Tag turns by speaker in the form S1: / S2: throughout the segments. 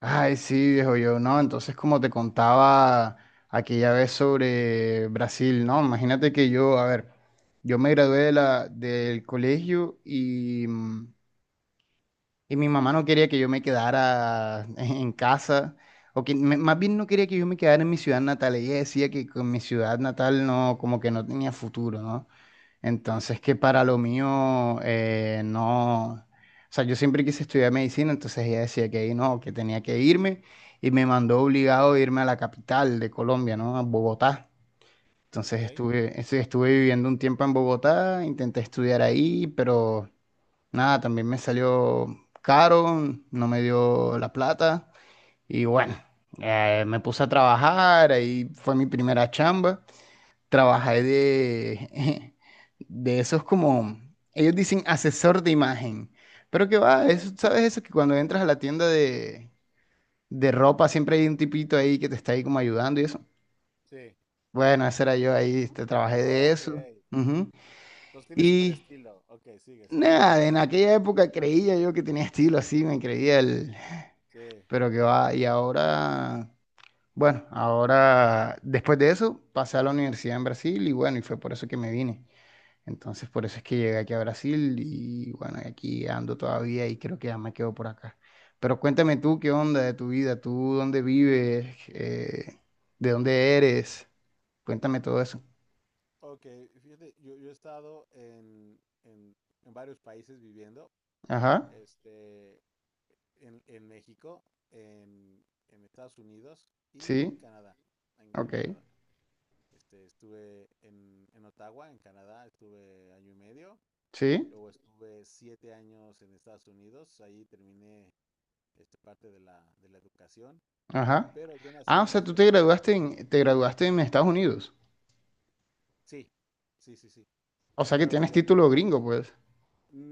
S1: Ay, sí, viejo yo, no, entonces como te contaba aquella vez sobre Brasil, ¿no? Imagínate que yo, a ver, yo me gradué de del colegio y, y mi mamá no quería que yo me quedara en casa, o que más bien no quería que yo me quedara en mi ciudad natal. Ella decía que con mi ciudad natal no, como que no tenía futuro, ¿no?
S2: Sí,
S1: Entonces, que para lo mío, no, o sea, yo siempre quise estudiar medicina, entonces ella decía que ahí no, que tenía que irme y me mandó obligado a irme a la capital de Colombia, ¿no? A Bogotá. Entonces
S2: ok,
S1: estuve viviendo un tiempo en Bogotá, intenté estudiar ahí, pero nada, también me salió caro, no me dio la plata y bueno,
S2: sí,
S1: me puse a trabajar. Ahí fue mi primera chamba, trabajé de, de esos como, ellos dicen asesor de imagen, pero que va.
S2: ok,
S1: Eso, ¿sabes eso? Que cuando entras a la tienda de ropa siempre hay un tipito ahí que te está ahí como ayudando y eso.
S2: sí,
S1: Bueno, ese era yo ahí, este, trabajé
S2: oh,
S1: de
S2: ok.
S1: eso. Ujú.
S2: Entonces tiene super
S1: Y
S2: estilo. Ok, sigue, sigue.
S1: nada, en aquella época creía yo que tenía estilo así, me creía el,
S2: Sí.
S1: pero que va, y ahora... Bueno, ahora después de eso pasé a la universidad en Brasil y bueno, y fue por eso que me vine. Entonces, por eso es que llegué aquí a Brasil y bueno, aquí ando todavía y creo que ya me quedo por acá. Pero cuéntame tú, ¿qué onda de tu vida? ¿Tú dónde vives? ¿De dónde eres? Cuéntame todo eso.
S2: Ok, fíjate, yo he estado en en varios países viviendo,
S1: Ajá,
S2: este, en México, en, en Estados Unidos y
S1: sí,
S2: en Canadá. En
S1: ok,
S2: Canadá. Estuve en Ottawa, en Canadá, estuve año y medio.
S1: sí,
S2: Luego estuve siete años en Estados Unidos, ahí terminé esta parte de de la educación.
S1: ajá.
S2: Pero yo
S1: Ah,
S2: nací
S1: o
S2: en la
S1: sea, tú
S2: Ciudad de México.
S1: te graduaste en Estados Unidos.
S2: Sí, sí, sí, sí.
S1: O sea que
S2: Pero
S1: tienes
S2: yo
S1: título gringo, pues.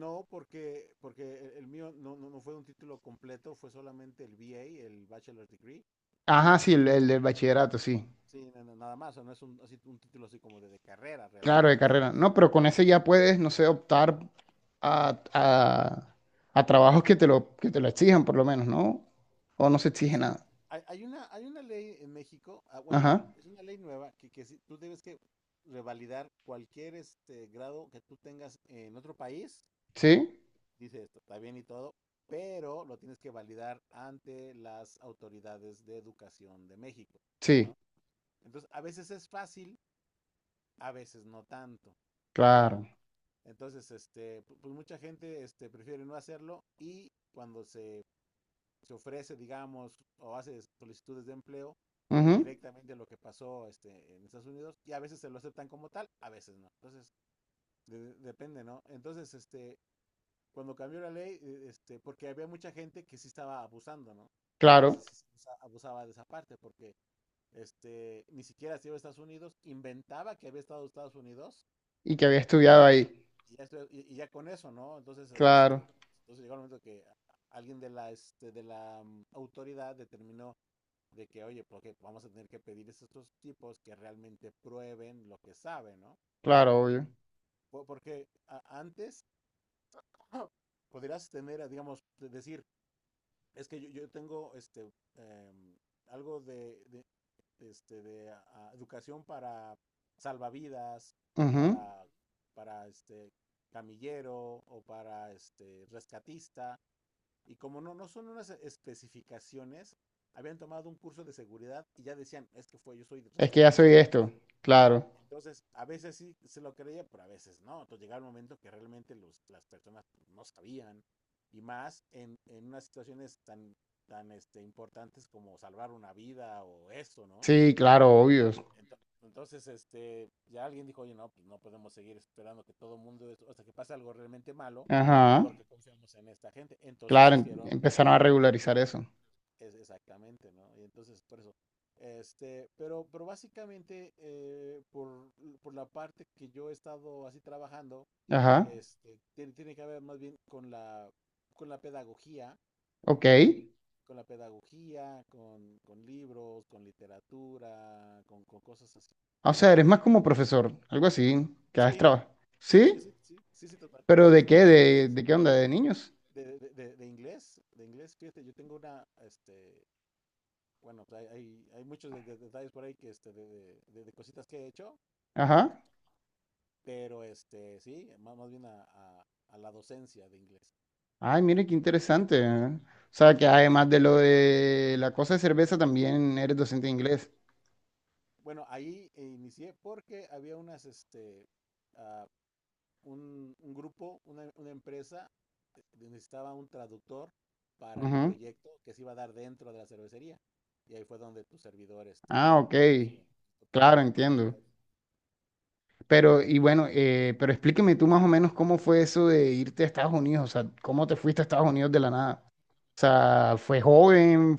S2: no, porque el mío no, no, no fue un título completo, fue solamente el BA, el Bachelor's Degree.
S1: Ajá, sí, el del bachillerato, sí.
S2: Sí, nada más, o sea, no es un, así, un título así como de carrera
S1: Claro,
S2: realmente,
S1: de
S2: o sea,
S1: carrera.
S2: es-
S1: No, pero con
S2: no,
S1: ese
S2: no,
S1: ya
S2: no.
S1: puedes, no sé, optar a, a trabajos que te lo exijan, por lo menos, ¿no? O no se exige
S2: Sí,
S1: nada.
S2: hay una ley en México. Bueno,
S1: Ajá.
S2: es una ley nueva que sí, tú debes que revalidar cualquier grado que tú tengas en otro país,
S1: Sí,
S2: dice esto, está bien y todo, pero lo tienes que validar ante las autoridades de educación de México,
S1: sí,
S2: ¿no? Entonces, a veces es fácil, a veces no tanto, ¿ok?
S1: claro.
S2: Entonces, pues mucha gente prefiere no hacerlo y cuando se ofrece, digamos, o hace solicitudes de empleo, pone
S1: Ujú.
S2: directamente lo que pasó en Estados Unidos y a veces se lo aceptan como tal, a veces no. Entonces, depende, ¿no? Entonces, cuando cambió la ley, porque había mucha gente que sí estaba abusando, ¿no? Y sí,
S1: Claro.
S2: sí, sí, abusaba de esa parte, porque ni siquiera se iba a Estados Unidos, inventaba que había estado en Estados Unidos,
S1: Y que había
S2: y,
S1: estudiado ahí.
S2: ya, ya, con eso, ¿no? Entonces,
S1: Claro,
S2: entonces llegó el momento que alguien de de la autoridad determinó de que, oye, porque vamos a tener que pedir a estos tipos que realmente prueben lo que saben, ¿no?
S1: claro, obvio.
S2: Porque a, antes podrías tener, digamos, decir, es que yo tengo algo de educación para salvavidas o
S1: Ujú.
S2: para camillero o para rescatista. Y como no, no son unas especificaciones, habían tomado un curso de seguridad y ya decían, es que fue, yo soy
S1: Es que ya soy
S2: rescatista. O
S1: esto. Claro.
S2: entonces, a veces sí se lo creía, pero a veces no. Entonces llegaba el momento que realmente las personas pues, no sabían. Y más en unas situaciones tan, tan importantes como salvar una vida o eso, ¿no?
S1: Sí, claro, obvio.
S2: Entonces, ya alguien dijo, oye, no, pues no podemos seguir esperando que todo mundo, es- hasta que pase algo realmente malo,
S1: Ajá.
S2: porque confiamos en esta gente. Entonces
S1: Claro,
S2: hicieron.
S1: empezaron a regularizar eso.
S2: Es exactamente, ¿no? Y entonces, por eso. Pero básicamente, por la parte que yo he estado así trabajando,
S1: Ajá.
S2: tiene, tiene que ver más bien con con la pedagogía,
S1: Ok.
S2: ¿no? Con la pedagogía, con libros, con literatura, con cosas así.
S1: Ah, o sea, eres más como profesor, algo así, que haces
S2: Sí,
S1: trabajo.
S2: sí,
S1: ¿Sí?
S2: sí, sí, sí, sí, total, sí,
S1: ¿Pero
S2: sí,
S1: de
S2: sí.
S1: qué?
S2: Sí, sí, sí.
S1: De qué onda? ¿De niños?
S2: De inglés, fíjate, yo tengo una, bueno, pues, hay muchos detalles por ahí que cositas que he hecho,
S1: Ajá.
S2: pero sí, más, más bien a la docencia de inglés.
S1: Ay, mire qué interesante, ¿eh? O sea, que
S2: Sí.
S1: además de lo de la cosa de cerveza, también eres docente de inglés.
S2: Bueno, ahí inicié porque había unas, ah, un grupo, una empresa, necesitaba un traductor para el
S1: Ujú.
S2: proyecto que se iba a dar dentro de la cervecería. Y ahí fue donde tu servidor,
S1: Ah, ok.
S2: empezó a...
S1: Claro, entiendo. Pero, y bueno, pero explíqueme tú más o menos cómo fue eso de irte a Estados Unidos. O sea, cómo te fuiste a Estados Unidos de la nada. O sea, fue joven,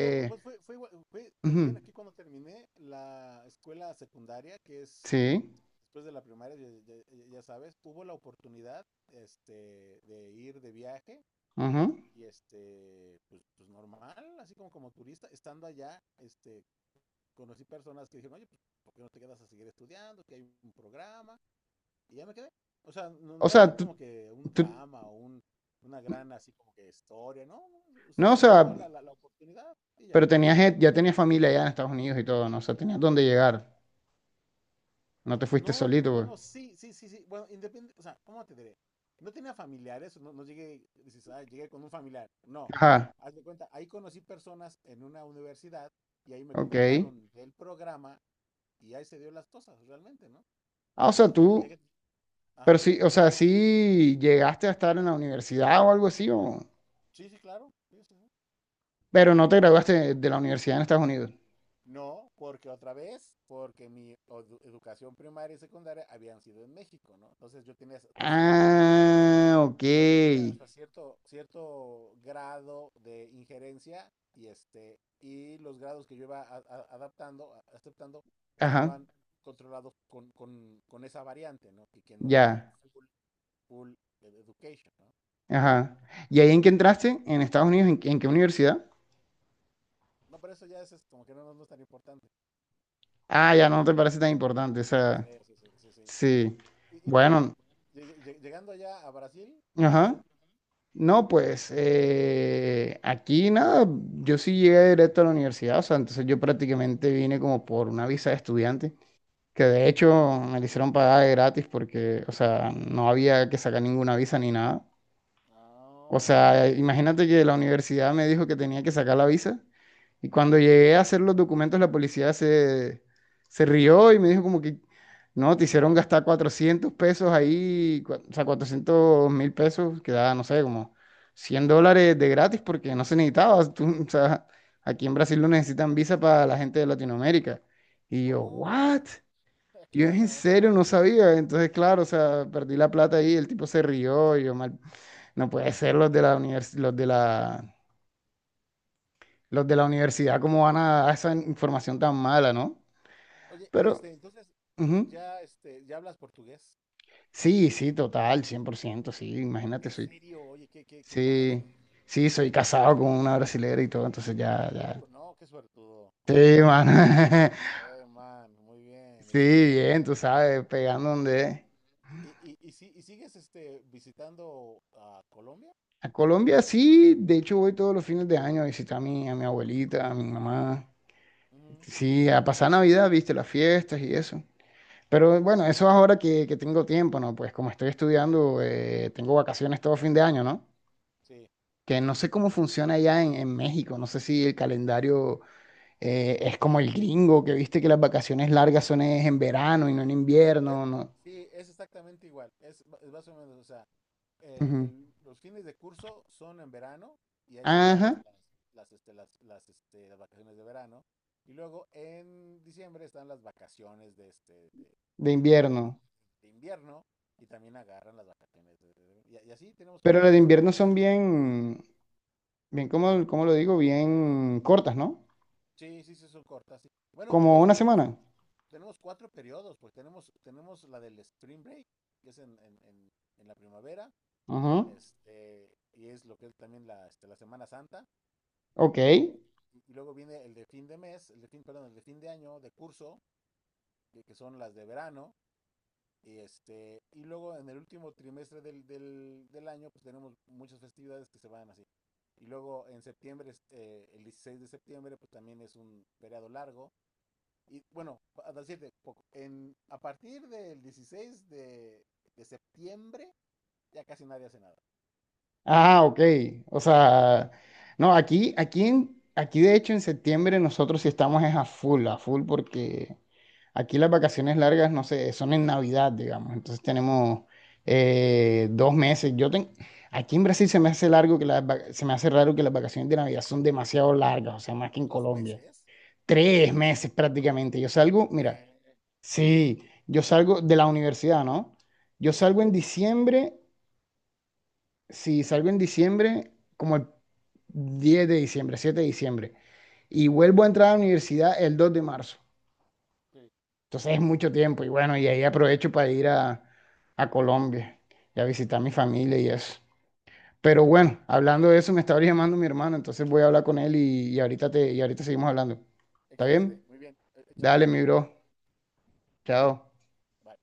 S2: No, pues, pues fue, fue igual, fue también
S1: Ujú.
S2: aquí cuando terminé la escuela secundaria, que es
S1: Sí.
S2: después de la primaria, ya, ya sabes, hubo la oportunidad este, de ir de viaje
S1: Ujú.
S2: y pues, pues normal, así como como turista, estando allá, conocí personas que dijeron, oye, pues, ¿por qué no te quedas a seguir estudiando? Que hay un programa, y ya me quedé. O sea, no, no
S1: O
S2: voy a
S1: sea,
S2: decir como que un
S1: tú-
S2: drama o un, una gran así como que historia, ¿no? No, no,
S1: no, o
S2: se
S1: sea,
S2: dio la oportunidad y ya.
S1: pero tenías, ya tenías familia allá en Estados Unidos y todo, ¿no? O sea, tenías dónde llegar. No te fuiste
S2: No, no,
S1: solito, pues.
S2: bueno, sí, sí, sí, sí. Bueno, independiente, o sea, ¿cómo te diré? No tenía familiares, no, no llegué, dices, ah, llegué con un familiar. No.
S1: Ajá,
S2: Haz de cuenta, ahí conocí personas en una universidad y ahí me
S1: ok.
S2: comentaron del programa y ahí se dio las cosas, realmente, ¿no?
S1: Ah, o
S2: Ya,
S1: sea,
S2: ya, ya
S1: tú,
S2: que-
S1: pero
S2: ajá.
S1: sí, o sea, sí llegaste a estar en la universidad o algo así, o...
S2: Sí, sí, claro. Sí, sí, sí.
S1: pero no te graduaste de la universidad en Estados Unidos.
S2: No, porque otra vez, porque mi educación primaria y secundaria habían sido en México, ¿no? Entonces yo tenía hasta cierto grado.
S1: Ah, ok.
S2: Yo tenía hasta cierto, cierto grado de injerencia y y los grados que yo iba adaptando, aceptando,
S1: Ajá,
S2: estaban controlados con esa variante, ¿no? Y que no era
S1: ya,
S2: full, full e-, education, ¿no?
S1: ajá. ¿Y ahí en qué entraste? ¿En Estados Unidos? En qué universidad?
S2: No, pero eso ya es como que no, no, no es tan importante.
S1: Ah, ya no te parece tan importante, o sea,
S2: Sí, sí, sí, sí, sí.
S1: sí.
S2: Y tú,
S1: Bueno,
S2: llegando allá a Brasil, qué
S1: ajá.
S2: pasó?
S1: No, pues aquí nada, yo sí llegué directo a la universidad, o sea, entonces yo prácticamente vine como por una visa de estudiante. Que de
S2: Sí.
S1: hecho me la hicieron pagar de gratis porque, o sea, no había que sacar ninguna visa ni nada. O
S2: Ah,
S1: sea, imagínate que la universidad me dijo que tenía que sacar la visa y cuando llegué a hacer los documentos la policía se, se rió y me dijo como que, no, te
S2: ¿y
S1: hicieron
S2: qué?
S1: gastar 400 pesos ahí, o sea, 400 mil pesos, que da, no sé, como 100 dólares de gratis porque no se necesitaba. Tú- o sea, aquí en Brasil no necesitan visa para la gente de Latinoamérica. Y yo,
S2: Oh,
S1: ¿what?
S2: mira, qué
S1: Yo en
S2: buena
S1: serio
S2: onda.
S1: no sabía, entonces claro, o sea, perdí la plata ahí, el tipo se rió, y yo mal, no puede ser. Los de la los de la, los de la universidad, cómo van a dar esa información tan mala, ¿no?
S2: Oye, y
S1: Pero,
S2: entonces,
S1: ujú.
S2: ya, ya hablas portugués.
S1: Sí, sí, total, 100% sí, imagínate,
S2: En
S1: soy,
S2: serio, oye, qué, qué, qué
S1: sí,
S2: padre.
S1: sí, soy casado con una brasilera y todo, entonces ya, ya,
S2: No, qué suertudo, qué
S1: sí,
S2: suertudo.
S1: mano,
S2: Man, muy bien,
S1: sí,
S2: excelente.
S1: bien, tú sabes, pegando donde es.
S2: Y, si- y sigues, visitando a Colombia?
S1: A Colombia sí, de hecho voy todos los fines de año a visitar a mi abuelita, a mi mamá.
S2: Ujú.
S1: Sí, a pasar Navidad, viste, las fiestas y eso. Pero bueno,
S2: Oh,
S1: eso es ahora que tengo tiempo, ¿no? Pues como estoy estudiando, tengo vacaciones todo fin de año, ¿no?
S2: sí.
S1: Que no sé cómo funciona allá en México, no sé si el calendario es como el gringo, que viste que las vacaciones largas son es en verano y no en
S2: Eh,
S1: invierno, ¿no?
S2: sí, es exactamente igual. Es, ma- es más o menos, o sea,
S1: Ujú.
S2: los fines de curso son en verano y ahí se agarras
S1: Ajá,
S2: las, las, las vacaciones de verano. Y luego en diciembre están las vacaciones de,
S1: de invierno.
S2: de invierno y también agarran las vacaciones. Y, y así tenemos
S1: Pero las de
S2: como...
S1: invierno son
S2: tenemos-
S1: bien, bien, ¿cómo, cómo lo digo? Bien cortas, ¿no?
S2: sí, sí, sí, son cortas. Sí. Bueno, de
S1: Como
S2: hecho
S1: una
S2: tenemos,
S1: semana.
S2: tenemos cuatro periodos, porque tenemos, tenemos la del Spring Break, que es en en la primavera.
S1: Ajá.
S2: Este, y es lo que es también la, la Semana Santa.
S1: Ok.
S2: Y luego viene el de fin de mes, el de fin, perdón, el de fin de año, de curso, que son las de verano. Y, y luego en el último trimestre del año, pues tenemos muchas festividades que se van así. Y luego en septiembre, el 16 de septiembre, pues también es un feriado largo. Y bueno, a decirte poco, en, a partir del 16 de, de septiembre, ya casi nadie hace nada.
S1: Ah, ok. O sea, no, aquí, aquí, aquí de hecho en septiembre nosotros sí estamos es a full, porque aquí las vacaciones largas, no sé, son en Navidad, digamos. Entonces tenemos dos meses. Yo ten, aquí en Brasil se me hace largo que las, se me hace raro que las vacaciones de Navidad son demasiado largas, o sea, más que en
S2: Dos
S1: Colombia.
S2: meses.
S1: Tres meses prácticamente. Yo salgo, mira,
S2: Eh,
S1: sí, yo salgo de la universidad, ¿no? Yo
S2: sí,
S1: salgo en diciembre, si salgo en diciembre, como el 10 de diciembre, 7 de diciembre, y vuelvo a entrar a la universidad el 2 de marzo.
S2: sí.
S1: Entonces es mucho tiempo y bueno, y ahí aprovecho para ir a Colombia y a visitar a mi familia y eso. Pero bueno, hablando de eso, me estaba llamando mi hermano, entonces voy a hablar con él y ahorita te, y ahorita seguimos hablando. ¿Está
S2: Excelente,
S1: bien?
S2: muy bien, e- échale.
S1: Dale, mi bro. Chao.
S2: Bye.